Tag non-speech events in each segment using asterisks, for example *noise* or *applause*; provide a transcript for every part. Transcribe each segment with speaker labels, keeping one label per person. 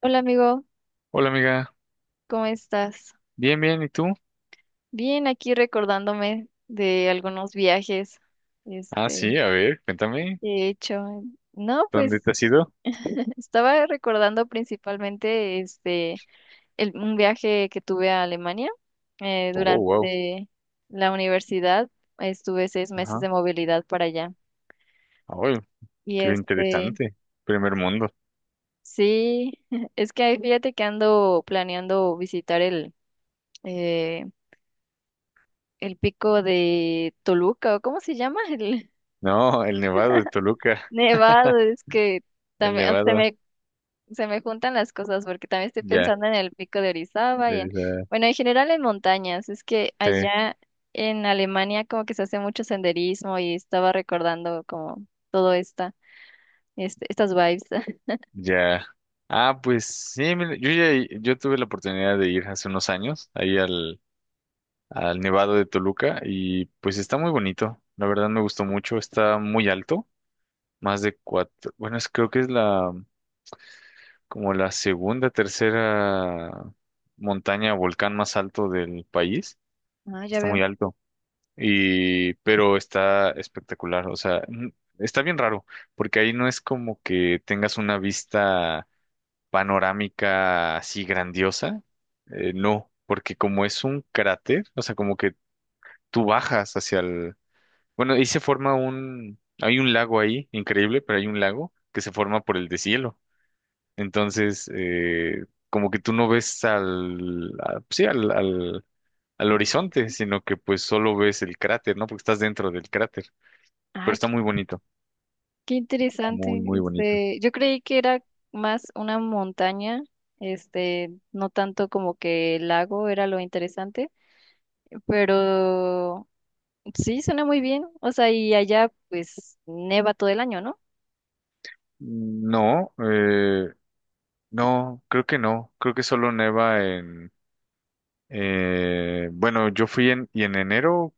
Speaker 1: Hola amigo,
Speaker 2: Hola amiga,
Speaker 1: ¿cómo estás?
Speaker 2: bien, bien, ¿y tú?
Speaker 1: Bien, aquí recordándome de algunos viajes
Speaker 2: Ah,
Speaker 1: este,
Speaker 2: sí, a ver, cuéntame,
Speaker 1: que he hecho. No,
Speaker 2: ¿dónde
Speaker 1: pues
Speaker 2: te has ido?
Speaker 1: *laughs* estaba recordando principalmente un viaje que tuve a Alemania
Speaker 2: Oh, wow,
Speaker 1: durante la universidad. Estuve 6 meses
Speaker 2: ajá,
Speaker 1: de movilidad para allá.
Speaker 2: oh,
Speaker 1: Y
Speaker 2: qué interesante, primer mundo.
Speaker 1: sí, *laughs* es que ahí fíjate que ando planeando visitar eh, el pico de Toluca, ¿o cómo se llama? *laughs* El
Speaker 2: No, el Nevado de Toluca,
Speaker 1: Nevado, es que
Speaker 2: el
Speaker 1: también
Speaker 2: Nevado,
Speaker 1: se me juntan las cosas porque también estoy
Speaker 2: ya,
Speaker 1: pensando en el pico de Orizaba
Speaker 2: de esa-
Speaker 1: bueno, en general en montañas. Es que
Speaker 2: sí,
Speaker 1: allá en Alemania como que se hace mucho senderismo y estaba recordando como todo esta, estas vibes. *laughs*
Speaker 2: ya. Ah, pues sí, mira, yo tuve la oportunidad de ir hace unos años ahí al, al Nevado de Toluca y pues está muy bonito, la verdad me gustó mucho, está muy alto, más de cuatro, bueno, creo que es la como la segunda, tercera montaña, volcán más alto del país.
Speaker 1: Ah, ya
Speaker 2: Está muy
Speaker 1: veo.
Speaker 2: alto. Y, pero está espectacular. O sea, está bien raro, porque ahí no es como que tengas una vista panorámica así grandiosa. No, porque como es un cráter, o sea, como que tú bajas hacia el... Bueno, ahí se forma un... Hay un lago ahí, increíble, pero hay un lago que se forma por el deshielo. Entonces, como que tú no ves pues sí, al horizonte, sino que pues solo ves el cráter, ¿no? Porque estás dentro del cráter. Pero
Speaker 1: Ay,
Speaker 2: está muy bonito,
Speaker 1: qué interesante.
Speaker 2: muy, muy bonito.
Speaker 1: Yo creí que era más una montaña, no tanto como que el lago era lo interesante, pero sí, suena muy bien. O sea, y allá pues neva todo el año, ¿no?
Speaker 2: No, no, creo que no. Creo que solo neva en... bueno, yo fui en, y en enero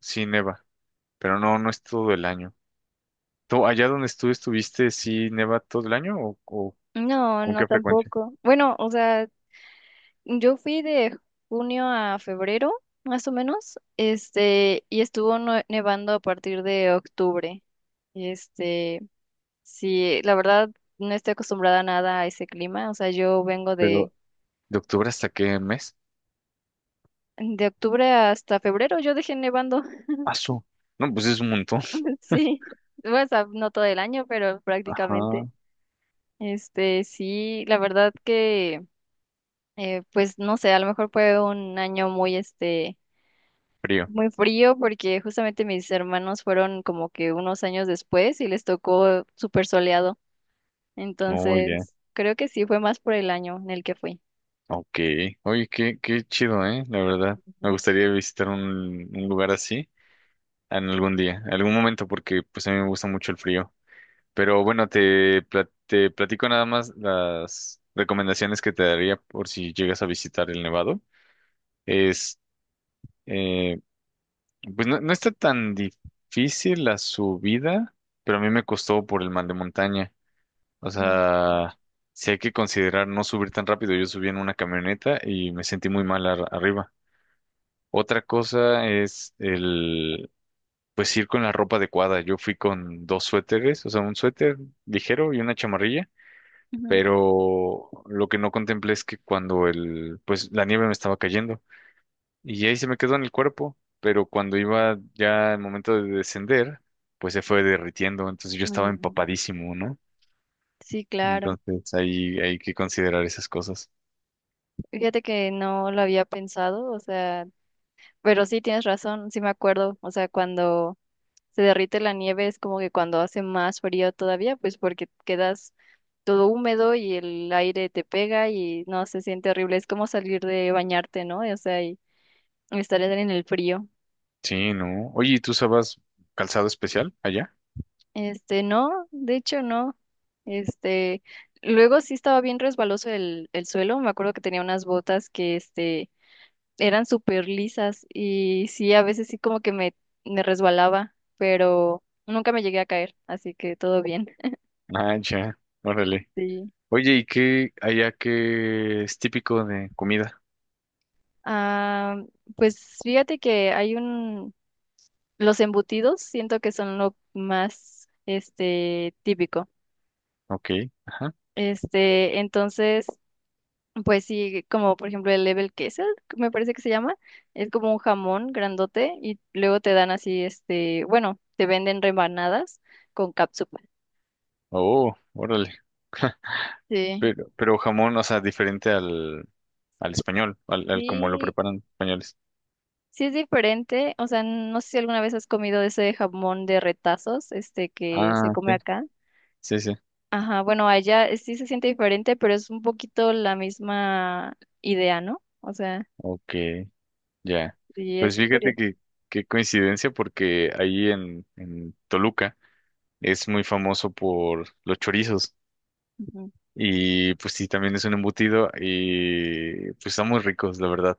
Speaker 2: sí neva, pero no, no es todo el año. ¿Tú, allá donde tú estuviste, sí neva todo el año o
Speaker 1: No,
Speaker 2: con
Speaker 1: no
Speaker 2: qué frecuencia?
Speaker 1: tampoco. Bueno, o sea, yo fui de junio a febrero, más o menos, y estuvo nevando a partir de octubre. Este, sí, la verdad no estoy acostumbrada a nada a ese clima. O sea, yo vengo
Speaker 2: Pero, ¿de octubre hasta qué mes?
Speaker 1: de octubre hasta febrero, yo dejé nevando.
Speaker 2: Paso. No, pues es un montón.
Speaker 1: *laughs* Sí, bueno, o sea, no todo el año, pero
Speaker 2: Ajá.
Speaker 1: prácticamente. Sí, la verdad que pues no sé, a lo mejor fue un año muy,
Speaker 2: Frío.
Speaker 1: muy frío porque justamente mis hermanos fueron como que unos años después y les tocó súper soleado.
Speaker 2: Oh, ya.
Speaker 1: Entonces, creo que sí fue más por el año en el que fui.
Speaker 2: Ok. Oye, qué, qué chido, ¿eh? La verdad. Me
Speaker 1: Ujú.
Speaker 2: gustaría visitar un lugar así en algún día, en algún momento, porque pues a mí me gusta mucho el frío. Pero bueno, te platico nada más las recomendaciones que te daría por si llegas a visitar el Nevado. Es, eh, pues no, no está tan difícil la subida, pero a mí me costó por el mal de montaña. O
Speaker 1: Mm.
Speaker 2: sea, sí hay que considerar no subir tan rápido. Yo subí en una camioneta y me sentí muy mal arriba. Otra cosa es el, pues ir con la ropa adecuada. Yo fui con dos suéteres, o sea, un suéter ligero y una chamarrilla,
Speaker 1: Ujú.
Speaker 2: pero lo que no contemplé es que cuando el, pues la nieve me estaba cayendo y ahí se me quedó en el cuerpo, pero cuando iba ya el momento de descender, pues se fue derritiendo, entonces yo estaba
Speaker 1: Mm,
Speaker 2: empapadísimo, ¿no?
Speaker 1: sí, claro.
Speaker 2: Entonces ahí hay que considerar esas cosas.
Speaker 1: Fíjate que no lo había pensado, o sea, pero sí tienes razón, sí me acuerdo, o sea, cuando se derrite la nieve, es como que cuando hace más frío todavía, pues porque quedas todo húmedo y el aire te pega y no, se siente horrible. Es como salir de bañarte, ¿no? O sea, y estar en el frío.
Speaker 2: Sí, ¿no? Oye, ¿y tú usabas calzado especial allá?
Speaker 1: Este, no, de hecho no. Este, Luego sí estaba bien resbaloso el suelo. Me acuerdo que tenía unas botas que, eran súper lisas y sí, a veces sí como que me resbalaba, pero nunca me llegué a caer, así que todo bien. *laughs*
Speaker 2: Ah, ya, órale.
Speaker 1: Sí.
Speaker 2: Oye, ¿y qué allá qué es típico de comida?
Speaker 1: Ah, pues fíjate que hay un, los embutidos siento que son lo más, típico.
Speaker 2: Ok, ajá.
Speaker 1: Este, entonces, pues sí, como por ejemplo el level queso, me parece que se llama, es como un jamón grandote y luego te dan así, bueno, te venden rebanadas con cápsula.
Speaker 2: Oh, órale.
Speaker 1: Sí,
Speaker 2: Pero jamón, o sea, diferente al, al español, al, al como lo
Speaker 1: sí,
Speaker 2: preparan los españoles.
Speaker 1: sí es diferente, o sea, no sé si alguna vez has comido ese jamón de retazos, que se
Speaker 2: Ah, sí.
Speaker 1: come acá.
Speaker 2: Sí, sí.
Speaker 1: Ajá, bueno, allá sí se siente diferente, pero es un poquito la misma idea, ¿no? O sea,
Speaker 2: Ok, ya.
Speaker 1: sí
Speaker 2: Pues
Speaker 1: es
Speaker 2: fíjate
Speaker 1: curioso.
Speaker 2: que qué coincidencia porque ahí en Toluca es muy famoso por los chorizos.
Speaker 1: Ujú,
Speaker 2: Y pues sí, también es un embutido y pues están muy ricos, la verdad.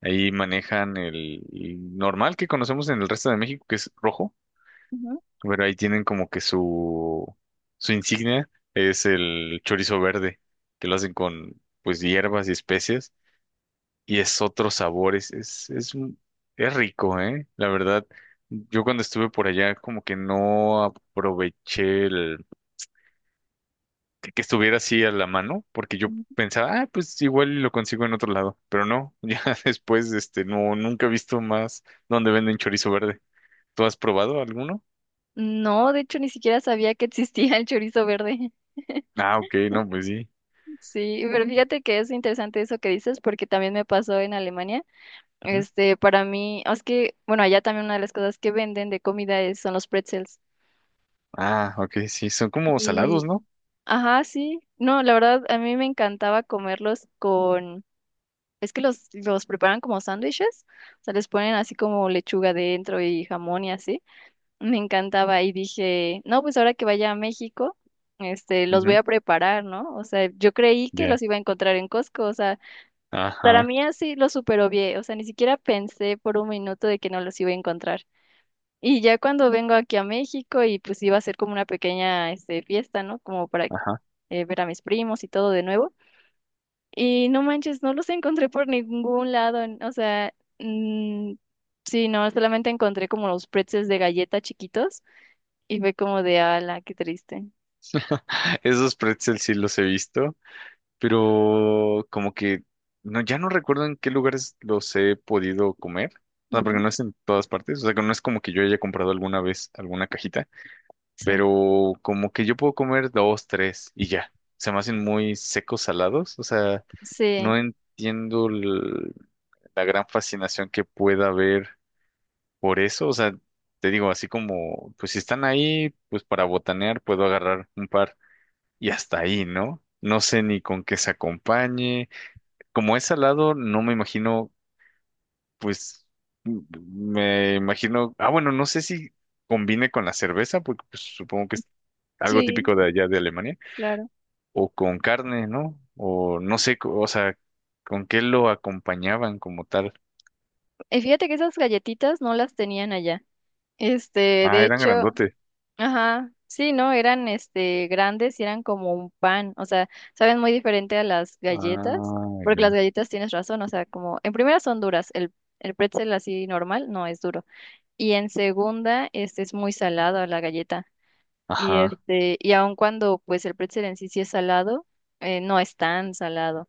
Speaker 2: Ahí manejan el normal que conocemos en el resto de México, que es rojo,
Speaker 1: ujú,
Speaker 2: pero ahí tienen como que su insignia es el chorizo verde, que lo hacen con pues hierbas y especias y es otro sabor, es, es rico, ¿eh? La verdad, yo cuando estuve por allá como que no aproveché que estuviera así a la mano, porque yo
Speaker 1: ujú.
Speaker 2: pensaba, ah, pues igual y lo consigo en otro lado, pero no, *laughs* ya después, este, no, nunca he visto más donde venden chorizo verde. ¿Tú has probado alguno?
Speaker 1: No, de hecho, ni siquiera sabía que existía el chorizo verde. *laughs*
Speaker 2: Ah, ok, no, pues sí.
Speaker 1: Sí, pero ujú, fíjate que es interesante eso que dices, porque también me pasó en Alemania.
Speaker 2: Ujú.
Speaker 1: Este, para mí, es que, bueno, allá también una de las cosas que venden de comida son los pretzels.
Speaker 2: Ah, ok, sí, son como salados,
Speaker 1: Y,
Speaker 2: ¿no?
Speaker 1: ajá, sí. No, la verdad, a mí me encantaba comerlos. Es que los preparan como sándwiches, o sea, les ponen así como lechuga dentro y jamón y así. Me encantaba y dije, no, pues ahora que vaya a México, los voy
Speaker 2: Ujú,
Speaker 1: a preparar, ¿no? O sea, yo creí que
Speaker 2: ya.
Speaker 1: los iba a encontrar en Costco, o sea, para
Speaker 2: Ajá,
Speaker 1: mí así los super obvié, o sea, ni siquiera pensé por un minuto de que no los iba a encontrar. Y ya cuando vengo aquí a México y pues iba a ser como una pequeña, fiesta, ¿no? Como para
Speaker 2: ajá.
Speaker 1: ver a mis primos y todo de nuevo. Y no manches, no los encontré por ningún lado. O sea, sí, no, solamente encontré como los pretzels de galleta chiquitos y fue como de ala, qué triste.
Speaker 2: *laughs* Esos pretzels sí los he visto, pero como que no, ya no recuerdo en qué lugares los he podido comer. O sea, porque
Speaker 1: Ujú,
Speaker 2: no es en todas partes. O sea, que no es como que yo haya comprado alguna vez alguna cajita.
Speaker 1: sí,
Speaker 2: Pero como que yo puedo comer dos, tres y ya. Se me hacen muy secos, salados, o sea, no
Speaker 1: sí,
Speaker 2: entiendo la gran fascinación que pueda haber por eso, o sea, te digo, así como, pues si están ahí, pues para botanear puedo agarrar un par y hasta ahí, ¿no? No sé ni con qué se acompañe. Como es salado, no me imagino pues me imagino, ah, bueno, no sé si combine con la cerveza, porque pues, supongo que es algo
Speaker 1: sí,
Speaker 2: típico de allá de Alemania,
Speaker 1: claro.
Speaker 2: o con carne, ¿no? O no sé, o sea, ¿con qué lo acompañaban como tal?
Speaker 1: Y fíjate que esas galletitas no las tenían allá. Este,
Speaker 2: Ah,
Speaker 1: de
Speaker 2: eran
Speaker 1: hecho,
Speaker 2: grandotes.
Speaker 1: ajá, sí, no, eran este grandes y eran como un pan. O sea, saben muy diferente a las galletas,
Speaker 2: Ah,
Speaker 1: porque
Speaker 2: ya.
Speaker 1: las galletas tienes razón. O sea, como en primera son duras, el pretzel así normal no es duro. Y en segunda, este es muy salado la galleta. Y
Speaker 2: Ajá.
Speaker 1: y aun cuando pues el pretzel en sí sí es salado, no es tan salado.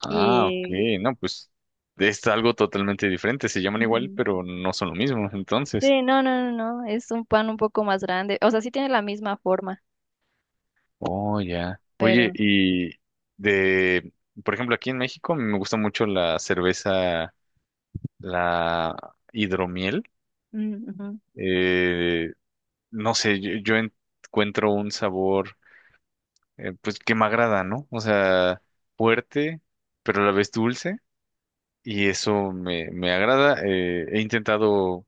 Speaker 2: Ah, ok.
Speaker 1: Y
Speaker 2: No, pues es algo totalmente diferente. Se llaman igual,
Speaker 1: ujú,
Speaker 2: pero no son lo mismo, entonces.
Speaker 1: sí, no, no, no, no, es un pan un poco más grande. O sea, sí tiene la misma forma,
Speaker 2: Oh, ya. Oye,
Speaker 1: pero
Speaker 2: y de, por ejemplo, aquí en México me gusta mucho la cerveza la hidromiel.
Speaker 1: mm, ujú.
Speaker 2: Eh, no sé, yo encuentro un sabor pues que me agrada, ¿no? O sea, fuerte, pero a la vez dulce y eso me, me agrada. Eh, he intentado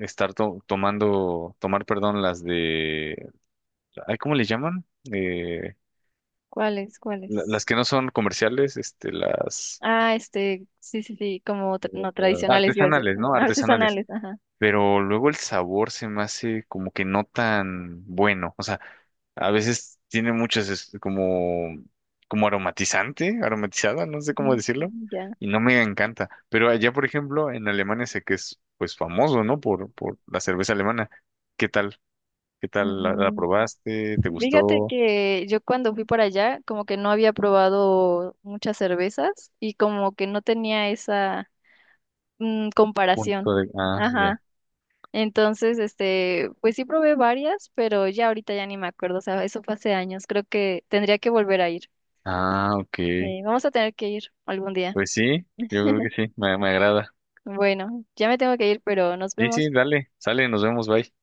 Speaker 2: estar tomando, tomar, perdón, las de, ay, ¿cómo le llaman? Eh,
Speaker 1: ¿Cuáles?
Speaker 2: la- las
Speaker 1: ¿Cuáles?
Speaker 2: que no son comerciales, este, las
Speaker 1: Ah, sí, sí, sí, como no
Speaker 2: eh,
Speaker 1: tradicionales, iba a decir.
Speaker 2: artesanales,
Speaker 1: *laughs*
Speaker 2: ¿no?
Speaker 1: Ajá,
Speaker 2: Artesanales.
Speaker 1: artesanales, ajá.
Speaker 2: Pero luego el sabor se me hace como que no tan bueno. O sea, a veces tiene muchas como, como aromatizante, aromatizada, no sé cómo
Speaker 1: Mm,
Speaker 2: decirlo,
Speaker 1: ya.
Speaker 2: y no me encanta. Pero allá, por ejemplo, en Alemania sé que es pues famoso, ¿no? Por la cerveza alemana. ¿Qué tal? ¿Qué tal? ¿La, la probaste? ¿Te
Speaker 1: Fíjate
Speaker 2: gustó?
Speaker 1: que yo cuando fui para allá, como que no había probado muchas cervezas y como que no tenía esa mm, comparación.
Speaker 2: Punto de... Ah,
Speaker 1: Ajá.
Speaker 2: ya.
Speaker 1: Entonces, pues sí probé varias, pero ya ahorita ya ni me acuerdo. O sea, eso fue hace años. Creo que tendría que volver a ir.
Speaker 2: Ah, ok.
Speaker 1: Sí, vamos a tener que ir algún día.
Speaker 2: Pues sí, yo creo que sí, me agrada.
Speaker 1: Bueno, ya me tengo que ir, pero nos
Speaker 2: Sí,
Speaker 1: vemos.
Speaker 2: sí, dale, sale, nos vemos, bye.